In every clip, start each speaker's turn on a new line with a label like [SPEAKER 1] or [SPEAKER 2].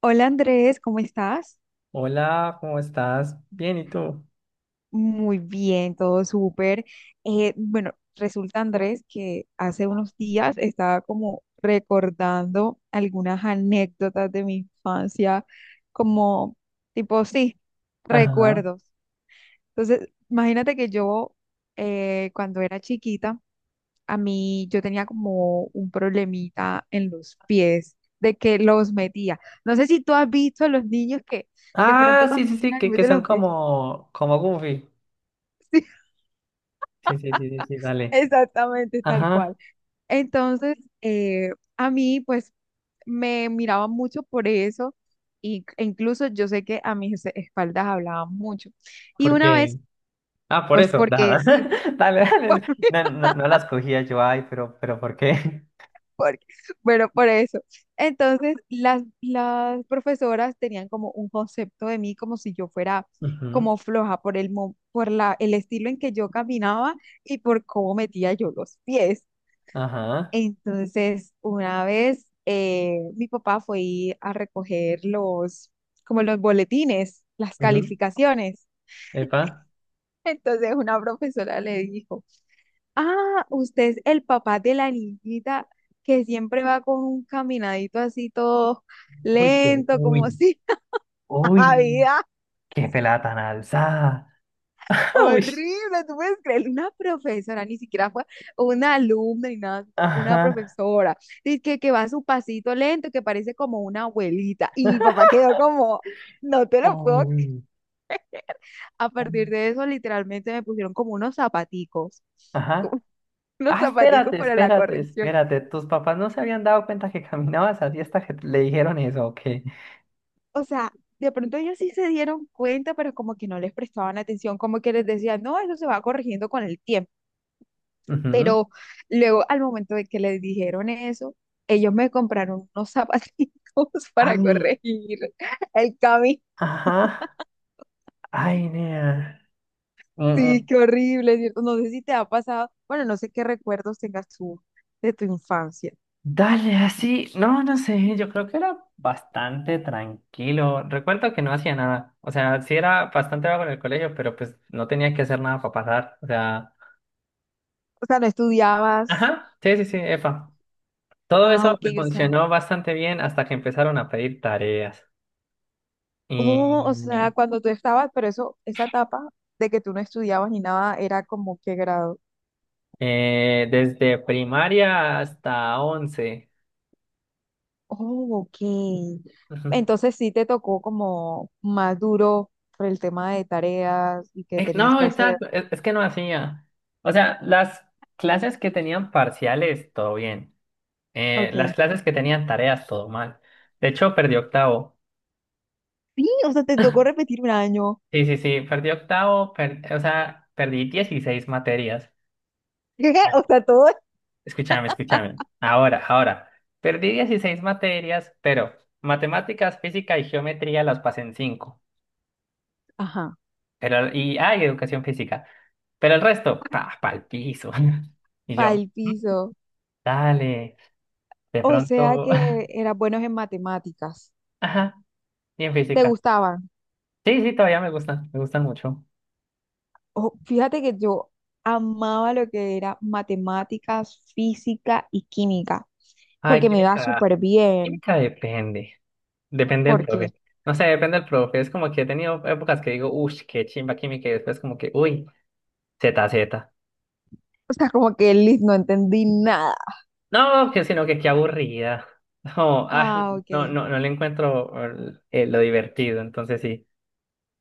[SPEAKER 1] Hola, Andrés, ¿cómo estás?
[SPEAKER 2] Hola, ¿cómo estás? Bien, ¿y tú?
[SPEAKER 1] Muy bien, todo súper. Bueno, resulta, Andrés, que hace unos días estaba como recordando algunas anécdotas de mi infancia, como tipo, sí,
[SPEAKER 2] Ajá.
[SPEAKER 1] recuerdos. Entonces, imagínate que yo, cuando era chiquita, a mí yo tenía como un problemita en los pies, de que los metía. No sé si tú has visto a los niños que de pronto
[SPEAKER 2] Ah, sí, sí, sí,
[SPEAKER 1] caminan y
[SPEAKER 2] que
[SPEAKER 1] meten
[SPEAKER 2] son
[SPEAKER 1] los pies.
[SPEAKER 2] como, como Goofy. Sí, sí, sí, sí, sí, dale.
[SPEAKER 1] Exactamente, tal
[SPEAKER 2] Ajá,
[SPEAKER 1] cual. Entonces, a mí, pues, me miraba mucho por eso, e incluso yo sé que a mis espaldas hablaban mucho. Y una vez,
[SPEAKER 2] porque. Ah, por
[SPEAKER 1] pues,
[SPEAKER 2] eso,
[SPEAKER 1] porque
[SPEAKER 2] nada.
[SPEAKER 1] sí,
[SPEAKER 2] Dale, dale.
[SPEAKER 1] por,
[SPEAKER 2] No, no, no las cogía yo, ay, pero ¿por qué?
[SPEAKER 1] porque, bueno, por eso. Entonces, las profesoras tenían como un concepto de mí como si yo fuera
[SPEAKER 2] Ujú,
[SPEAKER 1] como floja por el estilo en que yo caminaba y por cómo metía yo los pies.
[SPEAKER 2] ajá.
[SPEAKER 1] Entonces, una vez, mi papá fue ir a recoger los, como los boletines, las
[SPEAKER 2] Ujú,
[SPEAKER 1] calificaciones.
[SPEAKER 2] epa.
[SPEAKER 1] Entonces, una profesora le dijo: ah, usted es el papá de la niñita que siempre va con un caminadito así todo
[SPEAKER 2] Uy, qué,
[SPEAKER 1] lento, como
[SPEAKER 2] uy,
[SPEAKER 1] si
[SPEAKER 2] uy,
[SPEAKER 1] nada.
[SPEAKER 2] qué pelada tan alzada. Uy.
[SPEAKER 1] Horrible, tú puedes creer, una profesora, ni siquiera fue una alumna ni nada, sino una
[SPEAKER 2] Ajá.
[SPEAKER 1] profesora, dice que va a su pasito lento, que parece como una abuelita, y mi papá quedó como, no te lo puedo,
[SPEAKER 2] Uy.
[SPEAKER 1] a partir de eso literalmente me pusieron como unos zapaticos,
[SPEAKER 2] Ajá.
[SPEAKER 1] como unos
[SPEAKER 2] Ah,
[SPEAKER 1] zapaticos
[SPEAKER 2] espérate,
[SPEAKER 1] para la
[SPEAKER 2] espérate,
[SPEAKER 1] corrección.
[SPEAKER 2] espérate. ¿Tus papás no se habían dado cuenta que caminabas así hasta que le dijeron eso o qué?
[SPEAKER 1] O sea, de pronto ellos sí se dieron cuenta, pero como que no les prestaban atención, como que les decían, no, eso se va corrigiendo con el tiempo.
[SPEAKER 2] Ujú.
[SPEAKER 1] Pero luego, al momento de que les dijeron eso, ellos me compraron unos zapatitos
[SPEAKER 2] Ay,
[SPEAKER 1] para corregir el camino.
[SPEAKER 2] ajá. Ay, nea. Mm,
[SPEAKER 1] Sí,
[SPEAKER 2] mm.
[SPEAKER 1] qué horrible, ¿cierto? No sé si te ha pasado, bueno, no sé qué recuerdos tengas tú de tu infancia.
[SPEAKER 2] Dale, así. No, no sé. Yo creo que era bastante tranquilo. Recuerdo que no hacía nada. O sea, sí era bastante vago en el colegio, pero pues no tenía que hacer nada para pasar. O sea,
[SPEAKER 1] O sea, no estudiabas,
[SPEAKER 2] ajá. Sí, sí, sí, epa. Todo
[SPEAKER 1] ah,
[SPEAKER 2] eso
[SPEAKER 1] ok,
[SPEAKER 2] me
[SPEAKER 1] o sea,
[SPEAKER 2] funcionó bastante bien hasta que empezaron a pedir tareas.
[SPEAKER 1] oh, o sea,
[SPEAKER 2] Y.
[SPEAKER 1] cuando tú estabas, pero eso, esa etapa de que tú no estudiabas ni nada, era como qué grado.
[SPEAKER 2] Desde primaria hasta once.
[SPEAKER 1] Oh, ok.
[SPEAKER 2] Ujú.
[SPEAKER 1] Entonces sí te tocó como más duro por el tema de tareas y que tenías
[SPEAKER 2] No,
[SPEAKER 1] que hacer.
[SPEAKER 2] exacto, es que no hacía. O sea, las clases que tenían parciales, todo bien. Las
[SPEAKER 1] Ok.
[SPEAKER 2] clases que tenían tareas, todo mal. De hecho, perdí octavo.
[SPEAKER 1] Sí, o sea, te tocó repetir un año.
[SPEAKER 2] Sí, sí, sí, perdí octavo, per- o sea, perdí 16 materias. Ah,
[SPEAKER 1] O sea, todo.
[SPEAKER 2] escúchame, escúchame. Ahora, ahora. Perdí 16 materias, pero matemáticas, física y geometría las pasé en cinco.
[SPEAKER 1] Ajá.
[SPEAKER 2] Pero, y hay educación física. Pero el resto, pa, pa'l piso. Y yo,
[SPEAKER 1] Para el
[SPEAKER 2] "Mm,
[SPEAKER 1] piso.
[SPEAKER 2] dale, de
[SPEAKER 1] O sea
[SPEAKER 2] pronto".
[SPEAKER 1] que eras buenos en matemáticas.
[SPEAKER 2] Ajá, y en
[SPEAKER 1] ¿Te
[SPEAKER 2] física.
[SPEAKER 1] gustaban?
[SPEAKER 2] Sí, sí, todavía me gustan mucho.
[SPEAKER 1] Oh, fíjate que yo amaba lo que era matemáticas, física y química,
[SPEAKER 2] Ay,
[SPEAKER 1] porque me iba
[SPEAKER 2] química,
[SPEAKER 1] súper bien.
[SPEAKER 2] química depende. Depende del
[SPEAKER 1] Porque,
[SPEAKER 2] profe. No sé, depende del profe. Es como que he tenido épocas que digo, uff, qué chimba química, y después como que, uy, ZZ.
[SPEAKER 1] o sea, como que Liz no entendí nada.
[SPEAKER 2] No, que sino que qué aburrida. No, ah,
[SPEAKER 1] Ah, ok.
[SPEAKER 2] no, no, no le encuentro lo divertido, entonces sí.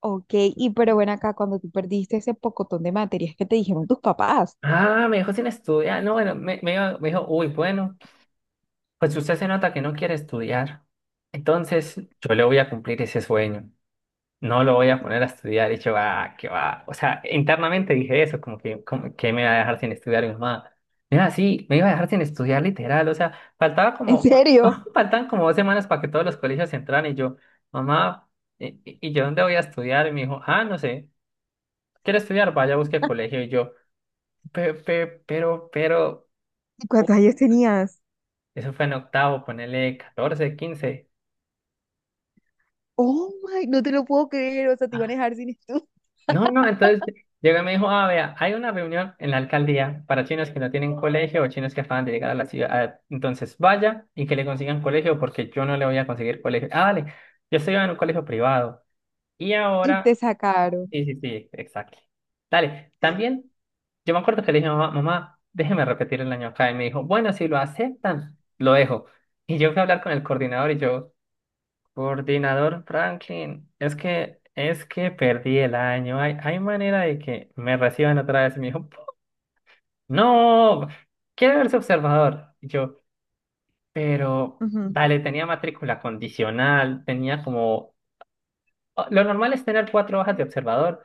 [SPEAKER 1] Ok, y pero ven acá, cuando tú perdiste ese pocotón de materias que te dijeron tus papás,
[SPEAKER 2] Ah, me dijo sin estudiar. No, bueno, me iba- me dijo, uy, bueno, pues usted se nota que no quiere estudiar. Entonces, yo le voy a cumplir ese sueño. No lo voy a poner a estudiar. Y yo, ah, qué va. O sea, internamente dije eso, como que me iba a dejar sin estudiar mi mamá. Mira, sí, me iba a dejar sin estudiar literal. O sea, faltaba
[SPEAKER 1] ¿en
[SPEAKER 2] como, un-
[SPEAKER 1] serio?
[SPEAKER 2] faltaban como dos semanas para que todos los colegios entraran. Y yo, mamá, y yo dónde voy a estudiar? Y me dijo, ah, no sé. ¿Quiere estudiar? Vaya, busque colegio. Y yo, "Pe- pe- pero, pero".
[SPEAKER 1] ¿Y cuántos años tenías?
[SPEAKER 2] Eso fue en octavo, ponele 14 quince.
[SPEAKER 1] Oh my, no te lo puedo creer, o sea, te iban a
[SPEAKER 2] Ah,
[SPEAKER 1] dejar sin estudio.
[SPEAKER 2] no, no, entonces llegó y me dijo, ah, vea, hay una reunión en la alcaldía para chinos que no tienen colegio o chinos que acaban de llegar a la ciudad. Entonces vaya y que le consigan colegio porque yo no le voy a conseguir colegio. Ah, dale, yo estoy en un colegio privado. Y
[SPEAKER 1] Y te
[SPEAKER 2] ahora,
[SPEAKER 1] sacaron.
[SPEAKER 2] sí, sí, sí, exacto. Dale, también yo me acuerdo que le dije, mamá, mamá, déjeme repetir el año acá. Y me dijo, bueno, si lo aceptan, lo dejo. Y yo fui a hablar con el coordinador y yo, coordinador Franklin, es que perdí el año. Hay manera de que me reciban otra vez. Y me dijo, no, quiero verse observador. Y yo, pero
[SPEAKER 1] Ujú,
[SPEAKER 2] dale, tenía matrícula condicional, tenía como. O- lo normal es tener cuatro hojas de observador,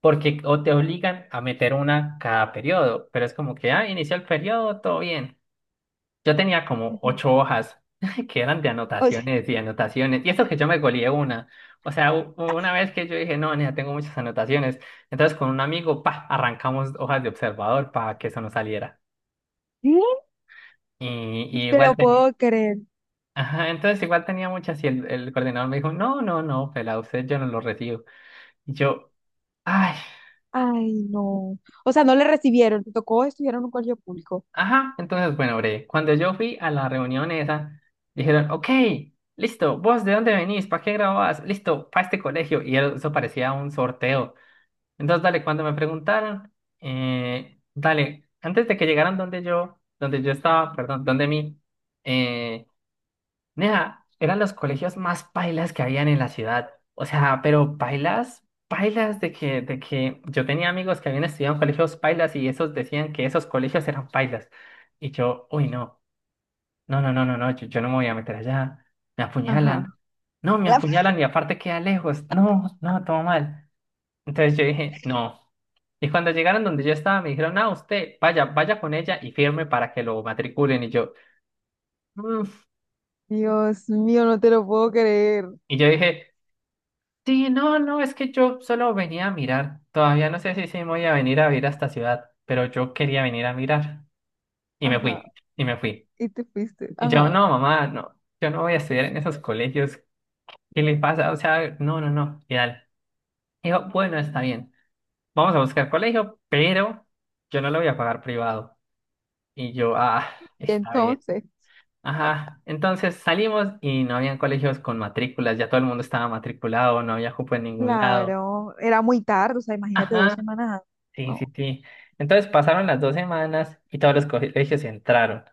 [SPEAKER 2] porque o te obligan a meter una cada periodo, pero es como que, ah, inició el periodo, todo bien. Yo tenía como
[SPEAKER 1] ujú.
[SPEAKER 2] ocho hojas que eran de
[SPEAKER 1] O sea,
[SPEAKER 2] anotaciones y anotaciones. Y eso que yo me goleé una. O sea, u- una vez que yo dije, no, nena, tengo muchas anotaciones. Entonces con un amigo, pa, arrancamos hojas de observador para que eso no saliera.
[SPEAKER 1] ¿qué? No
[SPEAKER 2] Y, y
[SPEAKER 1] te
[SPEAKER 2] igual
[SPEAKER 1] lo
[SPEAKER 2] tenía.
[SPEAKER 1] puedo creer.
[SPEAKER 2] Ajá, entonces igual tenía muchas y el coordinador me dijo, no, no, no, pela, usted yo no lo recibo. Y yo, ay.
[SPEAKER 1] Ay, no. O sea, no le recibieron, te tocó estudiar en un colegio público.
[SPEAKER 2] Ajá, entonces, bueno, bre, cuando yo fui a la reunión esa, dijeron, ok, listo, vos de dónde venís, para qué grabás, listo, para este colegio, y eso parecía un sorteo. Entonces, dale, cuando me preguntaron, dale, antes de que llegaran donde yo estaba, perdón, donde mí, eh, nea, eran los colegios más pailas que habían en la ciudad. O sea, pero pailas, pailas de que yo tenía amigos que habían estudiado en colegios pailas y esos decían que esos colegios eran pailas. Y yo, uy, no, no, no, no, no, no, yo no me voy a meter allá. Me
[SPEAKER 1] Ajá.
[SPEAKER 2] apuñalan. No, me
[SPEAKER 1] La-
[SPEAKER 2] apuñalan y aparte queda lejos. No, no, todo mal. Entonces yo dije, no. Y cuando llegaron donde yo estaba, me dijeron, ah, usted, vaya, vaya con ella y firme para que lo matriculen. Y yo, "Mm".
[SPEAKER 1] Dios mío, no te lo puedo creer.
[SPEAKER 2] Y yo dije, sí, no, no, es que yo solo venía a mirar. Todavía no sé si sí me voy a venir a vivir a esta ciudad, pero yo quería venir a mirar. Y me
[SPEAKER 1] Ajá.
[SPEAKER 2] fui, y me fui.
[SPEAKER 1] Y te fuiste.
[SPEAKER 2] Y yo,
[SPEAKER 1] Ajá.
[SPEAKER 2] no, mamá, no, yo no voy a estudiar en esos colegios. ¿Qué le pasa? O sea, no, no, no, y tal. Dijo, bueno, está bien, vamos a buscar colegio, pero yo no lo voy a pagar privado. Y yo, ah,
[SPEAKER 1] Y
[SPEAKER 2] está bien.
[SPEAKER 1] entonces.
[SPEAKER 2] Ajá, entonces salimos y no habían colegios con matrículas, ya todo el mundo estaba matriculado, no había cupo en ningún lado.
[SPEAKER 1] Claro, era muy tarde, o sea, imagínate, dos
[SPEAKER 2] Ajá.
[SPEAKER 1] semanas. antes.
[SPEAKER 2] Sí, sí,
[SPEAKER 1] No.
[SPEAKER 2] sí. Entonces pasaron las dos semanas y todos los colegios entraron.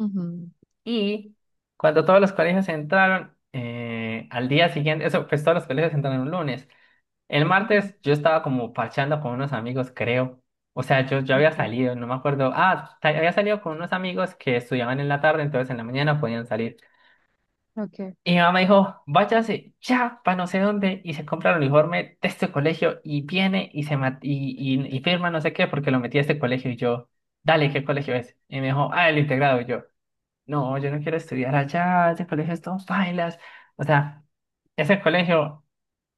[SPEAKER 1] Ujú,
[SPEAKER 2] Y cuando todos los colegios entraron, al día siguiente, eso, pues todos los colegios entraron un lunes. El
[SPEAKER 1] ujú,
[SPEAKER 2] martes yo estaba como parchando con unos amigos, creo. O sea, yo había
[SPEAKER 1] ok,
[SPEAKER 2] salido, no me acuerdo. Ah, ta- había salido con unos amigos que estudiaban en la tarde, entonces en la mañana podían salir.
[SPEAKER 1] ok.
[SPEAKER 2] Y mi mamá dijo, váyase ya para no sé dónde y se compra el uniforme de este colegio y viene y se ma- y firma no sé qué porque lo metí a este colegio y yo, dale, ¿qué colegio es? Y me dijo, ah, el integrado. Y yo, no, yo no quiero estudiar allá, ese colegio es todo bailas. O sea, ese colegio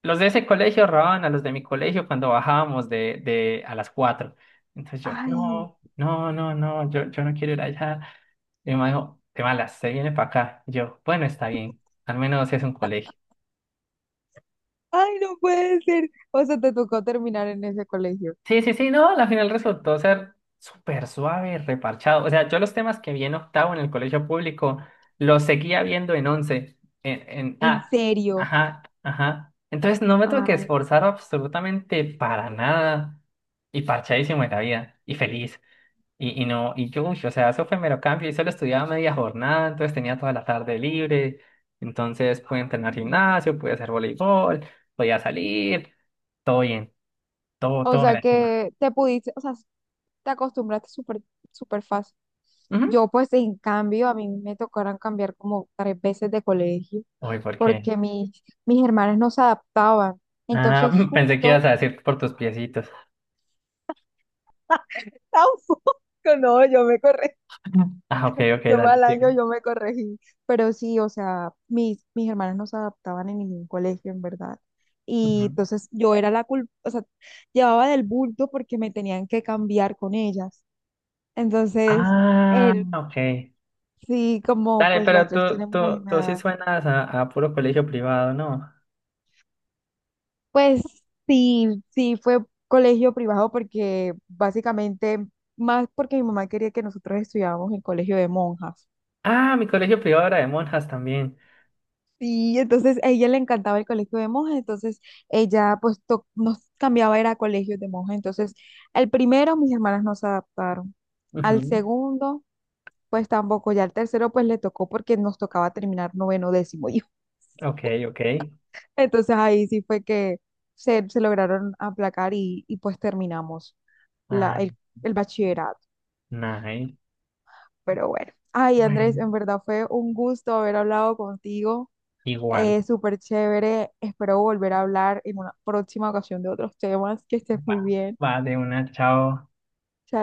[SPEAKER 2] los de ese colegio robaban a los de mi colegio cuando bajábamos de a las 4. Entonces yo,
[SPEAKER 1] Ay,
[SPEAKER 2] no, no, no, no, yo no quiero ir allá. Y mi mamá dijo, te malas, se viene para acá. Y yo, bueno, está bien, al menos es un colegio.
[SPEAKER 1] ay, no puede ser. O sea, te tocó terminar en ese colegio.
[SPEAKER 2] Sí, sí, sí, no, la final resultó ser súper suave, reparchado. O sea, yo los temas que vi en octavo en el colegio público los seguía viendo en once, en
[SPEAKER 1] ¿En
[SPEAKER 2] ah,
[SPEAKER 1] serio?
[SPEAKER 2] ajá, ajá. Entonces no me tuve que
[SPEAKER 1] Ay,
[SPEAKER 2] esforzar absolutamente para nada y parchadísimo en la vida y feliz. Y no, y yo, uy, o sea, eso fue mero cambio y solo estudiaba media jornada, entonces tenía toda la tarde libre. Entonces pude entrenar gimnasio, pude hacer voleibol, podía salir, todo bien, todo,
[SPEAKER 1] o
[SPEAKER 2] todo me
[SPEAKER 1] sea,
[SPEAKER 2] la.
[SPEAKER 1] que te pudiste, o sea, te acostumbraste súper, súper fácil.
[SPEAKER 2] Ujú.
[SPEAKER 1] Yo, pues, en cambio, a mí me tocaron cambiar como tres veces de colegio
[SPEAKER 2] Uy, ¿por qué?
[SPEAKER 1] porque mis hermanas no se adaptaban.
[SPEAKER 2] Ah,
[SPEAKER 1] Entonces,
[SPEAKER 2] pensé que
[SPEAKER 1] justo,
[SPEAKER 2] ibas a decir por tus piecitos.
[SPEAKER 1] tampoco, no, yo me corrí.
[SPEAKER 2] Ah, ok, ok,
[SPEAKER 1] Yo
[SPEAKER 2] dale.
[SPEAKER 1] mal año,
[SPEAKER 2] Sí.
[SPEAKER 1] yo me corregí, pero sí, o sea, mis hermanas no se adaptaban en ningún colegio, en verdad.
[SPEAKER 2] Ujú.
[SPEAKER 1] Y entonces yo era la culpa, o sea, llevaba del bulto porque me tenían que cambiar con ellas. Entonces,
[SPEAKER 2] Ah,
[SPEAKER 1] él,
[SPEAKER 2] ok.
[SPEAKER 1] sí, como
[SPEAKER 2] Dale,
[SPEAKER 1] pues las
[SPEAKER 2] pero
[SPEAKER 1] tres tenemos la misma
[SPEAKER 2] tú sí
[SPEAKER 1] edad,
[SPEAKER 2] suenas a puro colegio privado, ¿no?
[SPEAKER 1] pues sí, sí fue colegio privado porque básicamente, más porque mi mamá quería que nosotros estudiáramos en colegio de monjas.
[SPEAKER 2] Ah, mi colegio privado era de monjas también.
[SPEAKER 1] Sí, entonces a ella le encantaba el colegio de monjas, entonces ella pues to- nos cambiaba era a colegios de monjas. Entonces, al primero mis hermanas no se adaptaron, al
[SPEAKER 2] Ujú.
[SPEAKER 1] segundo pues tampoco, ya al tercero pues le tocó porque nos tocaba terminar noveno, décimo y
[SPEAKER 2] Ok, ok.
[SPEAKER 1] entonces ahí sí fue que se lograron aplacar y pues terminamos la,
[SPEAKER 2] Ah,
[SPEAKER 1] el bachillerato.
[SPEAKER 2] nice.
[SPEAKER 1] Pero bueno, ay, Andrés,
[SPEAKER 2] Bueno,
[SPEAKER 1] en verdad fue un gusto haber hablado contigo.
[SPEAKER 2] igual.
[SPEAKER 1] Súper chévere. Espero volver a hablar en una próxima ocasión de otros temas. Que estés
[SPEAKER 2] Va,
[SPEAKER 1] muy bien.
[SPEAKER 2] va de una, chao.
[SPEAKER 1] Chao.